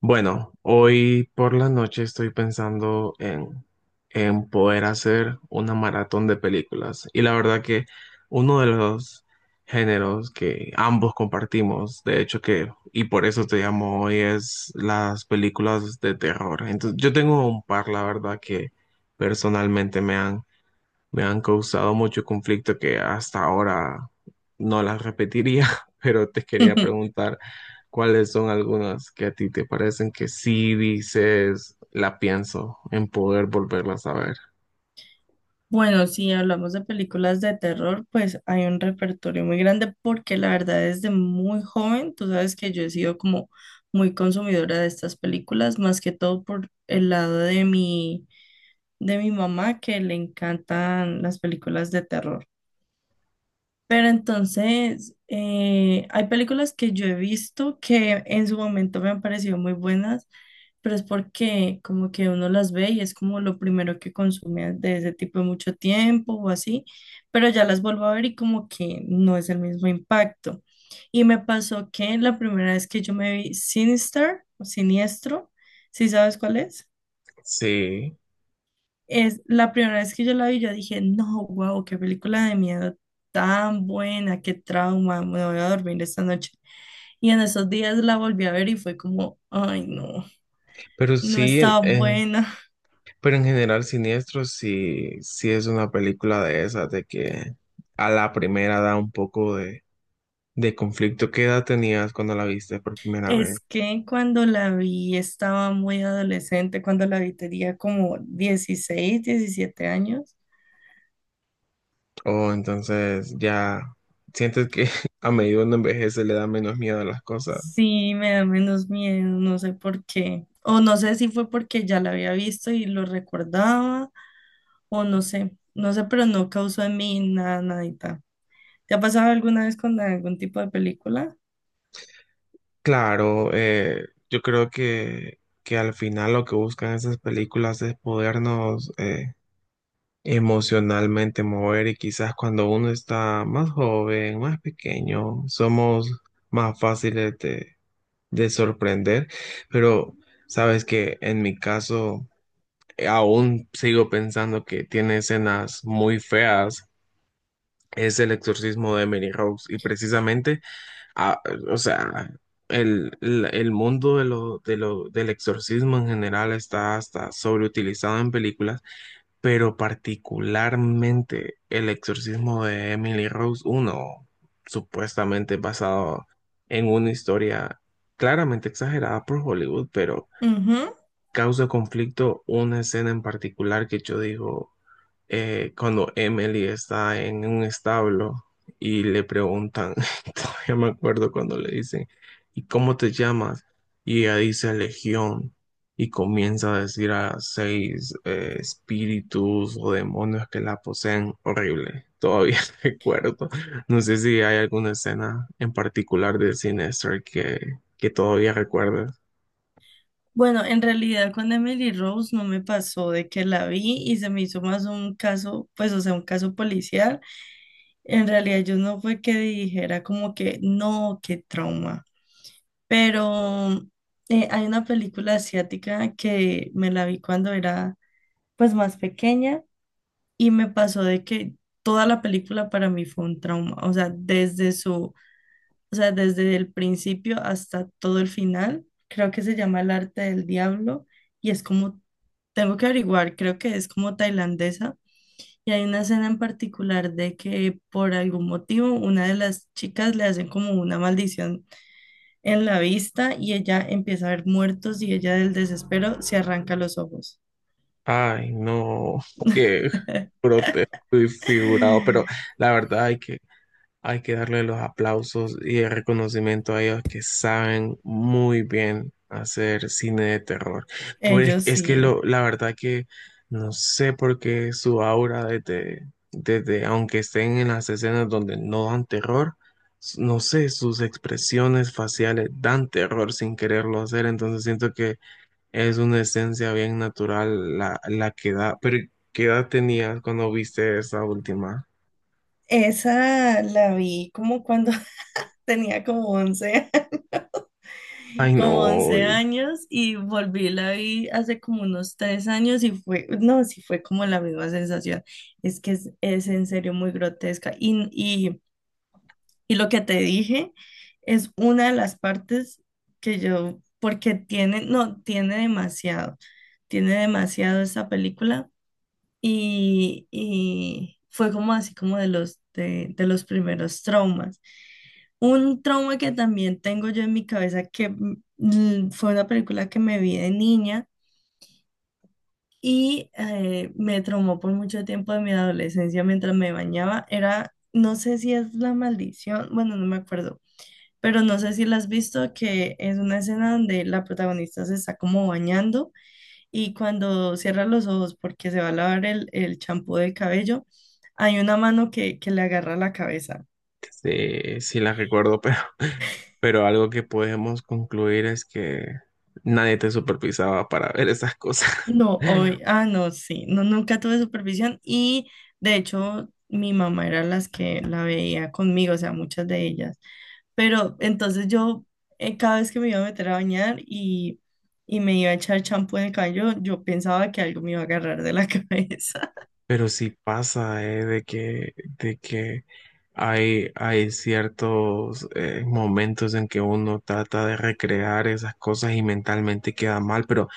Bueno, hoy por la noche estoy pensando en poder hacer una maratón de películas. Y la verdad que uno de los géneros que ambos compartimos, de hecho que, y por eso te llamo hoy, es las películas de terror. Entonces, yo tengo un par, la verdad, que personalmente me han causado mucho conflicto que hasta ahora no las repetiría, pero te quería preguntar cuáles son algunas que a ti te parecen que sí dices, la pienso en poder volverlas a ver. Bueno, si hablamos de películas de terror, pues hay un repertorio muy grande porque la verdad desde muy joven, tú sabes que yo he sido como muy consumidora de estas películas, más que todo por el lado de mi mamá que le encantan las películas de terror. Pero entonces, hay películas que yo he visto que en su momento me han parecido muy buenas, pero es porque como que uno las ve y es como lo primero que consume de ese tipo de mucho tiempo o así, pero ya las vuelvo a ver y como que no es el mismo impacto. Y me pasó que la primera vez que yo me vi Sinister o Siniestro, ¿sí sabes cuál es? Sí, Es la primera vez que yo la vi, yo dije, no, wow, qué película de miedo tan buena, qué trauma, me voy a dormir esta noche. Y en esos días la volví a ver y fue como, ay, no, pero no sí, estaba buena. pero en general Siniestro sí, sí es una película de esas, de que a la primera da un poco de conflicto. ¿Qué edad tenías cuando la viste por primera vez? Es que cuando la vi estaba muy adolescente, cuando la vi tenía como 16 17 años. O entonces ya sientes que a medida que uno envejece le da menos miedo a las cosas. Sí, me da menos miedo, no sé por qué. O no sé si fue porque ya la había visto y lo recordaba o no sé, no sé, pero no causó en mí nada, nadita. ¿Te ha pasado alguna vez con algún tipo de película? Claro, yo creo que al final lo que buscan esas películas es podernos emocionalmente mover, y quizás cuando uno está más joven, más pequeño, somos más fáciles de sorprender. Pero sabes que en mi caso… aún sigo pensando que tiene escenas muy feas, es el exorcismo de Emily Rose. Y precisamente, ah, o sea, el mundo del exorcismo en general está hasta sobreutilizado en películas, pero particularmente el exorcismo de Emily Rose, uno supuestamente basado en una historia claramente exagerada por Hollywood, pero Ujú. causa conflicto una escena en particular, que yo digo, cuando Emily está en un establo y le preguntan, todavía me acuerdo cuando le dicen, ¿y cómo te llamas? Y ella dice Legión, y comienza a decir a seis espíritus o demonios que la poseen. Horrible, todavía recuerdo. No sé si hay alguna escena en particular de Sinister que todavía recuerdas. Bueno, en realidad con Emily Rose no me pasó de que la vi y se me hizo más un caso, pues o sea, un caso policial. En realidad yo no fue que dijera como que no, qué trauma. Pero hay una película asiática que me la vi cuando era pues más pequeña. Y me pasó de que toda la película para mí fue un trauma, o sea, o sea, desde el principio hasta todo el final, creo que se llama El arte del diablo y es como, tengo que averiguar, creo que es como tailandesa, y hay una escena en particular de que por algún motivo una de las chicas le hacen como una maldición en la vista y ella empieza a ver muertos y ella del desespero se arranca los ojos. Ay, no, qué grotesco y figurado, pero la verdad hay que… Hay que darle los aplausos y el reconocimiento a ellos, que saben muy bien hacer cine de terror. Pues Ellos es que sí. lo, la verdad que no sé por qué su aura, aunque estén en las escenas donde no dan terror, no sé, sus expresiones faciales dan terror sin quererlo hacer. Entonces siento que es una esencia bien natural la que da. Pero ¿qué edad tenías cuando viste esa última? Esa la vi como cuando tenía como 11 Ay, como no. 11 años y volví, la vi hace como unos 3 años y fue, no, sí fue como la misma sensación. Es que es en serio muy grotesca. Y lo que te dije es una de las partes que yo, porque tiene, no, tiene demasiado esta película y fue como así como de los primeros traumas. Un trauma que también tengo yo en mi cabeza, que fue una película que me vi de niña y me traumó por mucho tiempo de mi adolescencia mientras me bañaba, era, no sé si es La Maldición, bueno, no me acuerdo, pero no sé si la has visto, que es una escena donde la protagonista se está como bañando y cuando cierra los ojos porque se va a lavar el champú del cabello, hay una mano que le agarra la cabeza. Sí, sí las recuerdo, pero, pero algo que podemos concluir es que nadie te supervisaba para ver esas cosas. No, hoy, no, sí, no, nunca tuve supervisión y de hecho mi mamá era las que la veía conmigo, o sea, muchas de ellas. Pero entonces yo cada vez que me iba a meter a bañar y me iba a echar champú en el cabello, yo pensaba que algo me iba a agarrar de la cabeza. Pero sí pasa, de que hay, hay ciertos momentos en que uno trata de recrear esas cosas y mentalmente queda mal, pero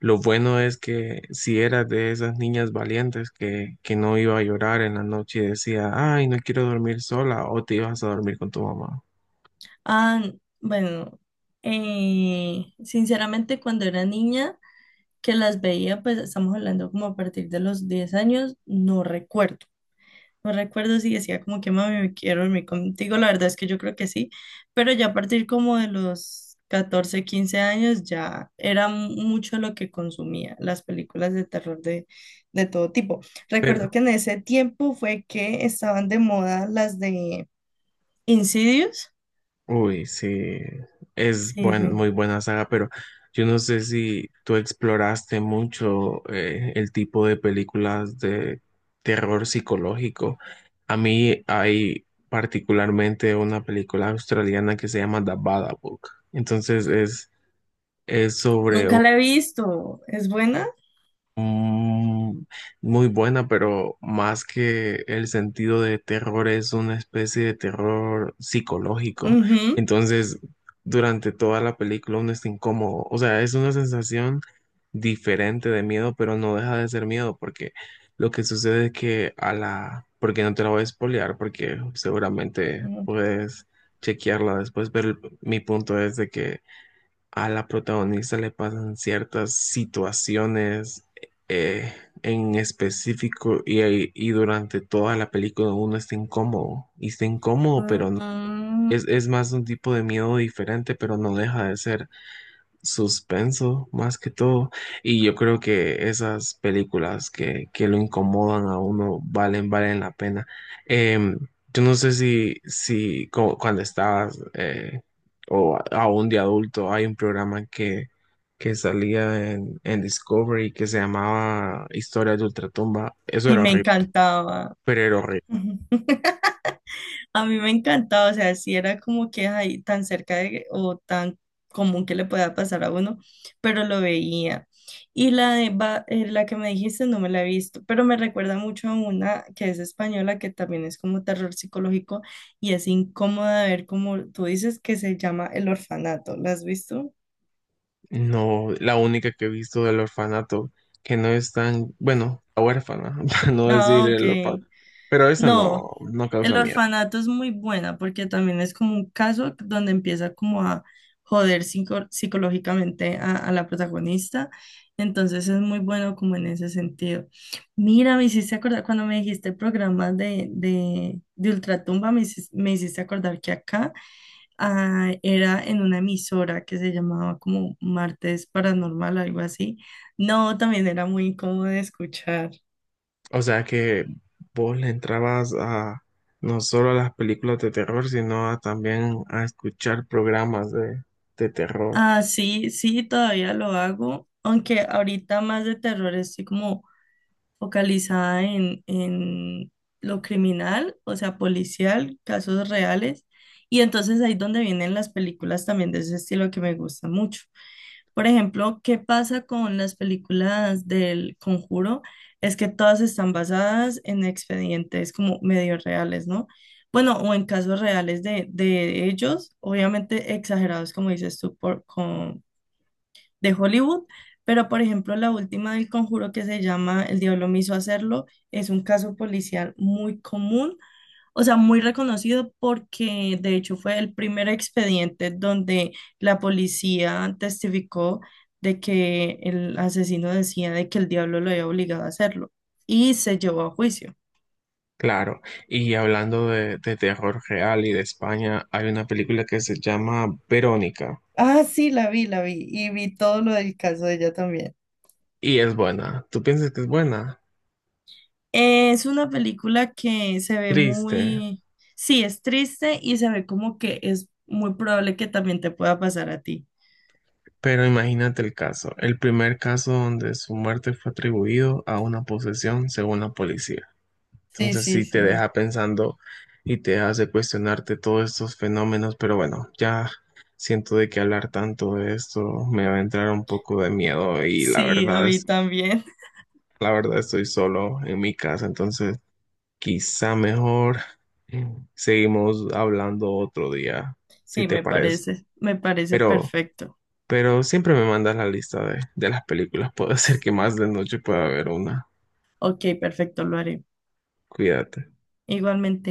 lo bueno es que si eras de esas niñas valientes que no iba a llorar en la noche y decía, ay, no quiero dormir sola, o te ibas a dormir con tu mamá. Ah, bueno, sinceramente cuando era niña que las veía, pues estamos hablando como a partir de los 10 años, no recuerdo. No recuerdo si decía como que mami, me quiero dormir contigo, la verdad es que yo creo que sí, pero ya a partir como de los 14 15 años ya era mucho lo que consumía las películas de terror de todo tipo. Recuerdo Pero… que en ese tiempo fue que estaban de moda las de Insidious. uy, sí, es Sí, buen, sí. muy buena saga, pero yo no sé si tú exploraste mucho el tipo de películas de terror psicológico. A mí hay particularmente una película australiana que se llama The Babadook. Entonces es sobre… Nunca la he visto, ¿es buena? Mm, muy buena, pero más que el sentido de terror es una especie de terror psicológico. Ujú. Entonces, durante toda la película uno está incómodo. O sea, es una sensación diferente de miedo, pero no deja de ser miedo, porque lo que sucede es que a la… Porque no te la voy a espolear, porque seguramente Mm. puedes chequearla después, pero mi punto es de que a la protagonista le pasan ciertas situaciones eh, en específico, y durante toda la película uno está incómodo y está incómodo, pero es más un tipo de miedo diferente, pero no deja de ser suspenso más que todo. Y yo creo que esas películas que lo incomodan a uno valen, valen la pena. Em, yo no sé si cuando estabas o aún de adulto, hay un programa que salía en Discovery que se llamaba Historias de Ultratumba. Eso Ay, era me horrible, encantaba. pero era horrible. A mí me encantaba, o sea, sí era como que ahí tan cerca de, o tan común que le pueda pasar a uno, pero lo veía. La que me dijiste no me la he visto, pero me recuerda mucho a una que es española, que también es como terror psicológico y es incómoda de ver como tú dices que se llama El Orfanato. ¿La has visto? No, la única que he visto del orfanato, que no es tan, bueno, la huérfana, para no decir Ah, ok. el orfanato, pero esa No, no, no El causa miedo. orfanato es muy buena porque también es como un caso donde empieza como a joder psicológicamente a la protagonista. Entonces es muy bueno como en ese sentido. Mira, me hiciste acordar, cuando me dijiste programas de Ultratumba, me hiciste acordar que acá era en una emisora que se llamaba como Martes Paranormal, algo así. No, también era muy incómodo de escuchar. O sea que vos le entrabas a no solo a las películas de terror, sino a también a escuchar programas de terror. Ah, sí, sí, todavía lo hago, aunque ahorita más de terror estoy como focalizada en lo criminal, o sea, policial, casos reales. Y entonces ahí donde vienen las películas también de ese estilo que me gusta mucho. Por ejemplo, ¿qué pasa con las películas del Conjuro? Es que todas están basadas en expedientes como medio reales, ¿no? Bueno, o en casos reales de ellos, obviamente exagerados, como dices tú, de Hollywood, pero por ejemplo la última del Conjuro que se llama El diablo me hizo hacerlo es un caso policial muy común, o sea, muy reconocido porque de hecho fue el primer expediente donde la policía testificó de que el asesino decía de que el diablo lo había obligado a hacerlo y se llevó a juicio. Claro, y hablando de terror real y de España, hay una película que se llama Verónica Ah, sí, la vi y vi todo lo del caso de ella también. y es buena. ¿Tú piensas que es buena? Es una película que se ve Triste. muy, sí, es triste y se ve como que es muy probable que también te pueda pasar a ti. Pero imagínate el caso, el primer caso donde su muerte fue atribuido a una posesión según la policía. Sí, Entonces sí, sí te sí. deja pensando y te hace cuestionarte todos estos fenómenos, pero bueno, ya siento de que hablar tanto de esto me va a entrar un poco de miedo, y la Sí, a verdad es, mí también. la verdad estoy solo en mi casa, entonces quizá mejor seguimos hablando otro día, si Sí, te parece. Me parece Pero… perfecto. pero siempre me mandas la lista de las películas. Puede ser que más de noche pueda haber una. Ok, perfecto, lo haré. Cuídate. Igualmente.